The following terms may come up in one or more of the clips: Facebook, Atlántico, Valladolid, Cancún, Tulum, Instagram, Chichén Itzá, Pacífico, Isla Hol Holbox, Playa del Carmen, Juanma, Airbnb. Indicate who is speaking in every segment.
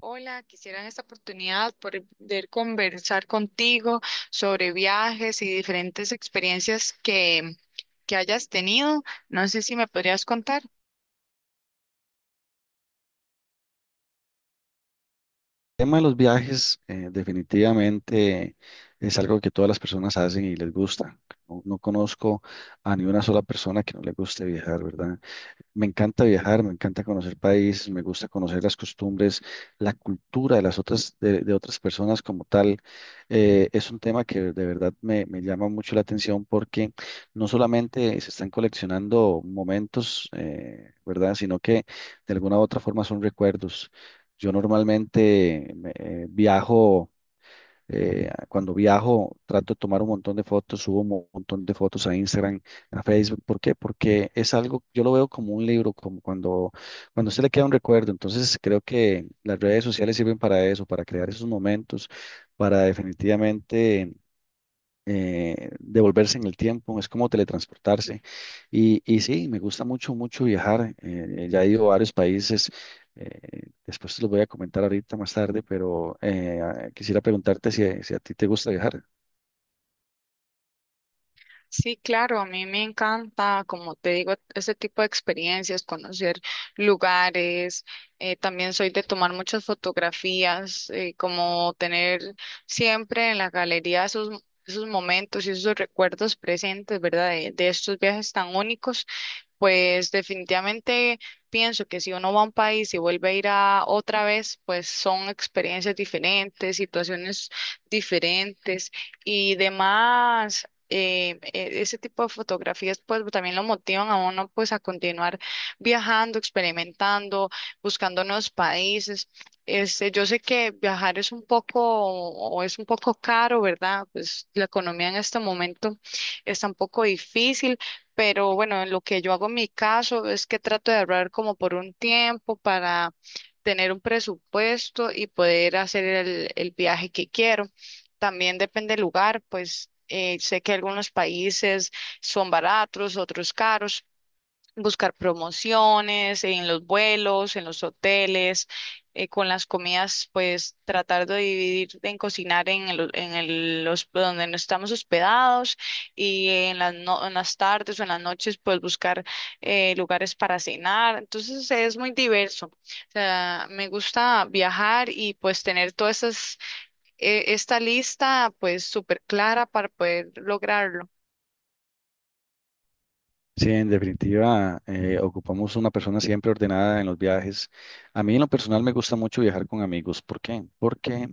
Speaker 1: Hola, quisiera en esta oportunidad poder conversar contigo sobre viajes y diferentes experiencias que hayas tenido. No sé si me podrías contar.
Speaker 2: El tema de los viajes, definitivamente es algo que todas las personas hacen y les gusta. No, no conozco a ni una sola persona que no le guste viajar, ¿verdad? Me encanta viajar, me encanta conocer países, me gusta conocer las costumbres, la cultura de las otras, de otras personas como tal. Es un tema que de verdad me llama mucho la atención porque no solamente se están coleccionando momentos, ¿verdad? Sino que de alguna u otra forma son recuerdos. Yo normalmente viajo. Cuando viajo, trato de tomar un montón de fotos, subo un montón de fotos a Instagram, a Facebook. ¿Por qué? Porque es algo, yo lo veo como un libro, como cuando se le queda un recuerdo. Entonces, creo que las redes sociales sirven para eso, para crear esos momentos, para definitivamente, devolverse en el tiempo, es como teletransportarse. Y sí, me gusta mucho, mucho viajar. Ya he ido a varios países. Después te los voy a comentar ahorita más tarde, pero quisiera preguntarte si a ti te gusta viajar.
Speaker 1: Sí, claro, a mí me encanta, como te digo, ese tipo de experiencias, conocer lugares. También soy de tomar muchas fotografías, como tener siempre en la galería esos momentos y esos recuerdos presentes, ¿verdad? De estos viajes tan únicos. Pues definitivamente pienso que si uno va a un país y vuelve a ir a otra vez, pues son experiencias diferentes, situaciones diferentes y demás. Ese tipo de fotografías pues también lo motivan a uno pues a continuar viajando, experimentando, buscando nuevos países. Este, yo sé que viajar es un poco o es un poco caro, ¿verdad? Pues la economía en este momento está un poco difícil, pero bueno, en lo que yo hago en mi caso es que trato de ahorrar como por un tiempo para tener un presupuesto y poder hacer el viaje que quiero. También depende del lugar, pues sé que algunos países son baratos, otros caros. Buscar promociones en los vuelos, en los hoteles, con las comidas, pues tratar de dividir en cocinar en donde no estamos hospedados y en las, no- en las tardes o en las noches, pues buscar lugares para cenar. Entonces es muy diverso. O sea, me gusta viajar y pues tener todas esas, esta lista pues súper clara para poder lograrlo.
Speaker 2: Sí, en definitiva, ocupamos una persona siempre ordenada en los viajes. A mí en lo personal me gusta mucho viajar con amigos. ¿Por qué? Porque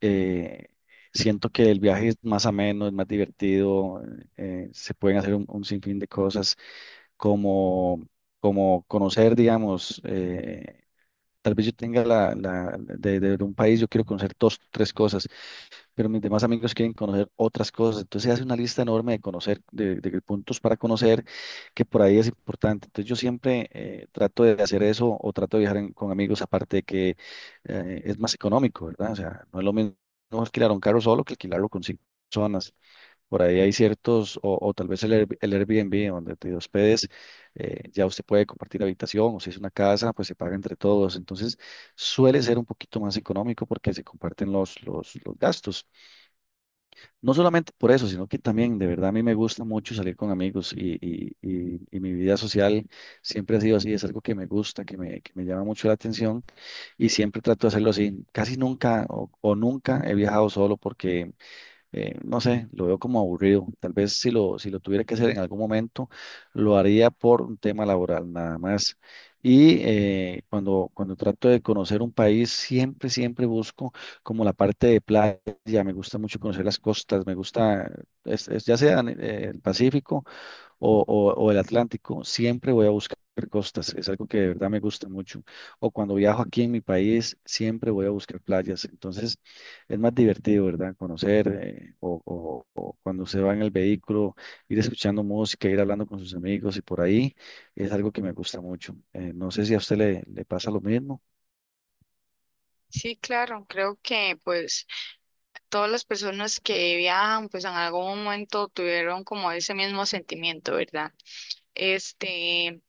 Speaker 2: eh, siento que el viaje es más ameno, es más divertido. Se pueden hacer un sinfín de cosas. como, como conocer, digamos, tal vez yo tenga de un país, yo quiero conocer dos, tres cosas, pero mis demás amigos quieren conocer otras cosas. Entonces se hace una lista enorme de conocer, de puntos para conocer, que por ahí es importante. Entonces yo siempre trato de hacer eso o trato de viajar con amigos, aparte de que es más económico, ¿verdad? O sea, no es lo mismo alquilar un carro solo que alquilarlo con cinco personas. Por ahí hay ciertos, o tal vez el Airbnb, donde te hospedes, ya usted puede compartir habitación, o si es una casa, pues se paga entre todos. Entonces, suele ser un poquito más económico porque se comparten los gastos. No solamente por eso, sino que también, de verdad, a mí me gusta mucho salir con amigos y mi vida social siempre ha sido así, es algo que me gusta, que me llama mucho la atención y siempre trato de hacerlo así. Casi nunca o nunca he viajado solo porque no sé, lo veo como aburrido. Tal vez si lo tuviera que hacer en algún momento, lo haría por un tema laboral nada más. Y cuando trato de conocer un país, siempre busco como la parte de playa. Me gusta mucho conocer las costas, me gusta, es ya sea en, el Pacífico o el Atlántico, siempre voy a buscar costas, es algo que de verdad me gusta mucho. O cuando viajo aquí en mi país, siempre voy a buscar playas. Entonces, es más divertido, ¿verdad? Conocer, o cuando se va en el vehículo, ir escuchando música, ir hablando con sus amigos y por ahí, es algo que me gusta mucho. No sé si a usted le pasa lo mismo.
Speaker 1: Sí, claro, creo que pues todas las personas que viajan pues en algún momento tuvieron como ese mismo sentimiento, ¿verdad? Este,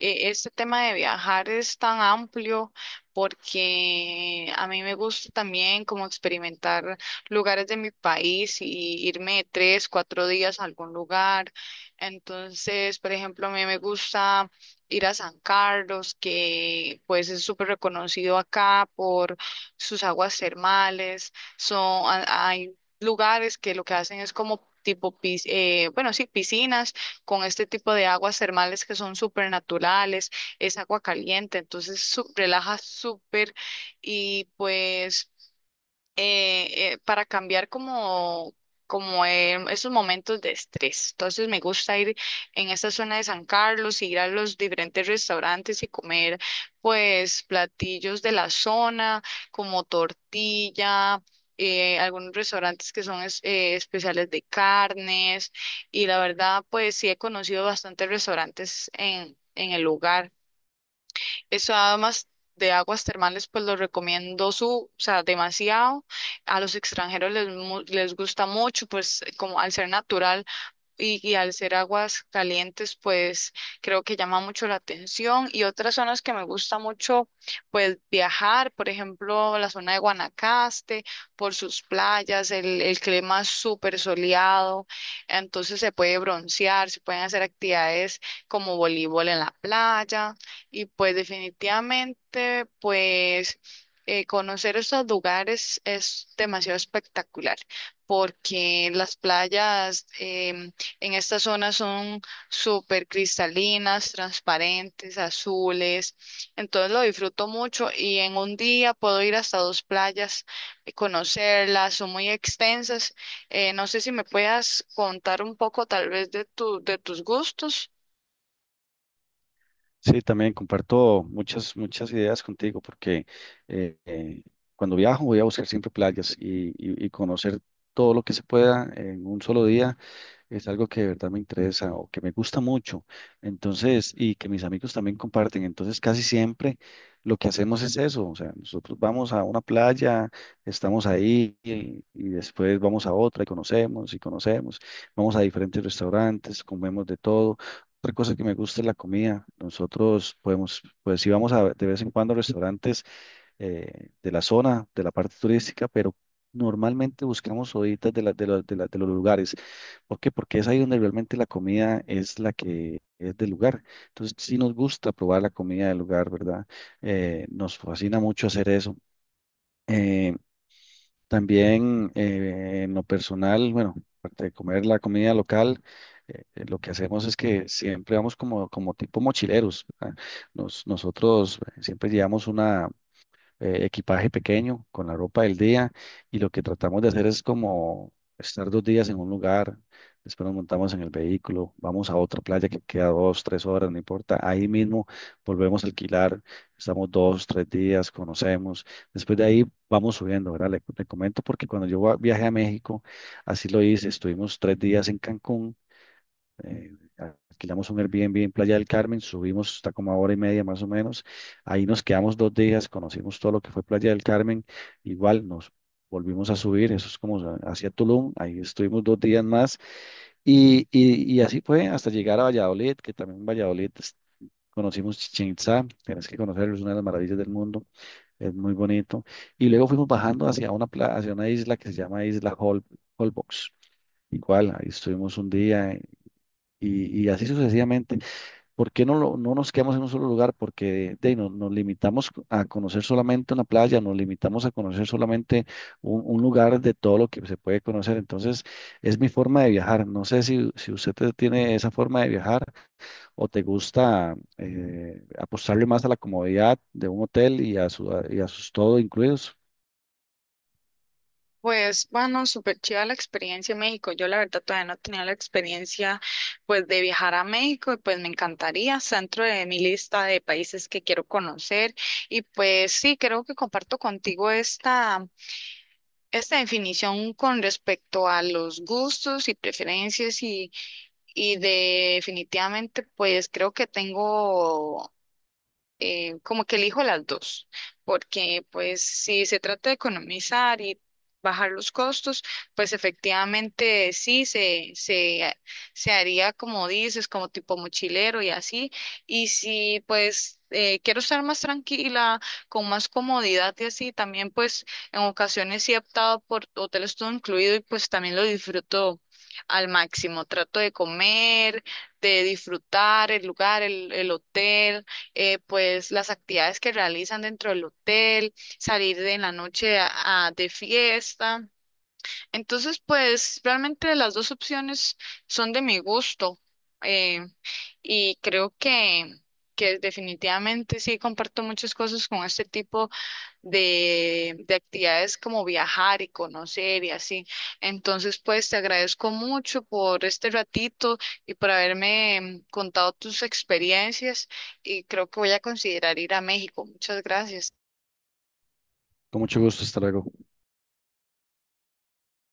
Speaker 1: este tema de viajar es tan amplio porque a mí me gusta también como experimentar lugares de mi país y irme tres, cuatro días a algún lugar. Entonces, por ejemplo, a mí me gusta ir a San Carlos, que pues es súper reconocido acá por sus aguas termales. Hay lugares que lo que hacen es como tipo, bueno, sí, piscinas con este tipo de aguas termales que son súper naturales, es agua caliente, entonces relaja súper. Y pues, para cambiar como, como esos momentos de estrés. Entonces me gusta ir en esta zona de San Carlos, ir a los diferentes restaurantes y comer pues platillos de la zona, como tortilla. Algunos restaurantes que son especiales de carnes y la verdad pues sí he conocido bastantes restaurantes en el lugar. Eso, además de aguas termales, pues lo recomiendo, su, o sea, demasiado. A los extranjeros les gusta mucho, pues como al ser natural y al ser aguas calientes, pues creo que llama mucho la atención. Y otras zonas que me gusta mucho, pues viajar, por ejemplo, la zona de Guanacaste, por sus playas, el clima es súper soleado, entonces se puede broncear, se pueden hacer actividades como voleibol en la playa y pues definitivamente, pues, conocer estos lugares es demasiado espectacular porque las playas, en esta zona, son súper cristalinas, transparentes, azules. Entonces lo disfruto mucho y en un día puedo ir hasta dos playas, conocerlas, son muy extensas. No sé si me puedas contar un poco tal vez de de tus gustos.
Speaker 2: Sí, también comparto muchas, muchas ideas contigo porque eh, eh, cuando viajo voy a buscar siempre playas y conocer todo lo que se pueda en un solo día es algo que de verdad me interesa o que me gusta mucho, entonces, y que mis amigos también comparten, entonces casi siempre lo que hacemos es eso, o sea, nosotros vamos a una playa, estamos ahí y después vamos a otra y conocemos, vamos a diferentes restaurantes, comemos de todo. Otra cosa que me gusta es la comida. Nosotros podemos, pues si vamos a, de vez en cuando a restaurantes de la zona, de la parte turística, pero normalmente buscamos horitas de los lugares. ¿Por qué? Porque es ahí donde realmente la comida es la que es del lugar. Entonces, sí nos gusta probar la comida del lugar, ¿verdad? Nos fascina mucho hacer eso. Eh, también, en lo personal, bueno, aparte de comer la comida local, lo que hacemos es que siempre vamos como, tipo mochileros, ¿verdad? Nosotros siempre llevamos equipaje pequeño con la ropa del día y lo que tratamos de hacer es como estar 2 días en un lugar, después nos montamos en el vehículo, vamos a otra playa que queda 2, 3 horas, no importa, ahí mismo volvemos a alquilar, estamos 2, 3 días, conocemos, después de ahí vamos subiendo, ¿verdad? Le comento porque cuando yo viajé a México, así lo hice, estuvimos tres días en Cancún. eh, Alquilamos un Airbnb en Playa del Carmen, subimos hasta como a hora y media más o menos, ahí nos quedamos 2 días, conocimos todo lo que fue Playa del Carmen, igual nos volvimos a subir, eso es como hacia Tulum, ahí estuvimos 2 días más y así fue hasta llegar a Valladolid, que también en Valladolid conocimos Chichén Itzá, tienes que conocerlo, es una de las maravillas del mundo, es muy bonito, y luego fuimos bajando hacia una isla que se llama Isla Holbox. Igual, ahí estuvimos un día, y así sucesivamente. ¿Por qué no nos quedamos en un solo lugar? Porque de ahí, nos limitamos a conocer solamente una playa, nos limitamos a conocer solamente un lugar de todo lo que se puede conocer. Entonces, es mi forma de viajar. No sé si usted tiene esa forma de viajar o te gusta apostarle más a la comodidad de un hotel y a sus todo incluidos.
Speaker 1: Pues, bueno, súper chida la experiencia en México. Yo la verdad todavía no he tenido la experiencia, pues, de viajar a México y pues me encantaría, está dentro de mi lista de países que quiero conocer. Y pues sí, creo que comparto contigo esta definición con respecto a los gustos y preferencias y definitivamente, pues, creo que tengo, como que elijo las dos, porque pues si se trata de economizar y bajar los costos, pues efectivamente sí se haría como dices, como tipo mochilero y así, y si pues quiero estar más tranquila, con más comodidad y así, también pues en ocasiones sí he optado por hoteles todo incluido y pues también lo disfruto al máximo, trato de comer, de disfrutar el lugar, el hotel, pues las actividades que realizan dentro del hotel, salir de en la noche de fiesta. Entonces, pues realmente las dos opciones son de mi gusto. eh, y creo que definitivamente sí comparto muchas cosas con este tipo de actividades como viajar y conocer y así. Entonces, pues te agradezco mucho por este ratito y por haberme, contado tus experiencias y creo que voy a considerar ir a México. Muchas gracias.
Speaker 2: Con mucho gusto, hasta luego.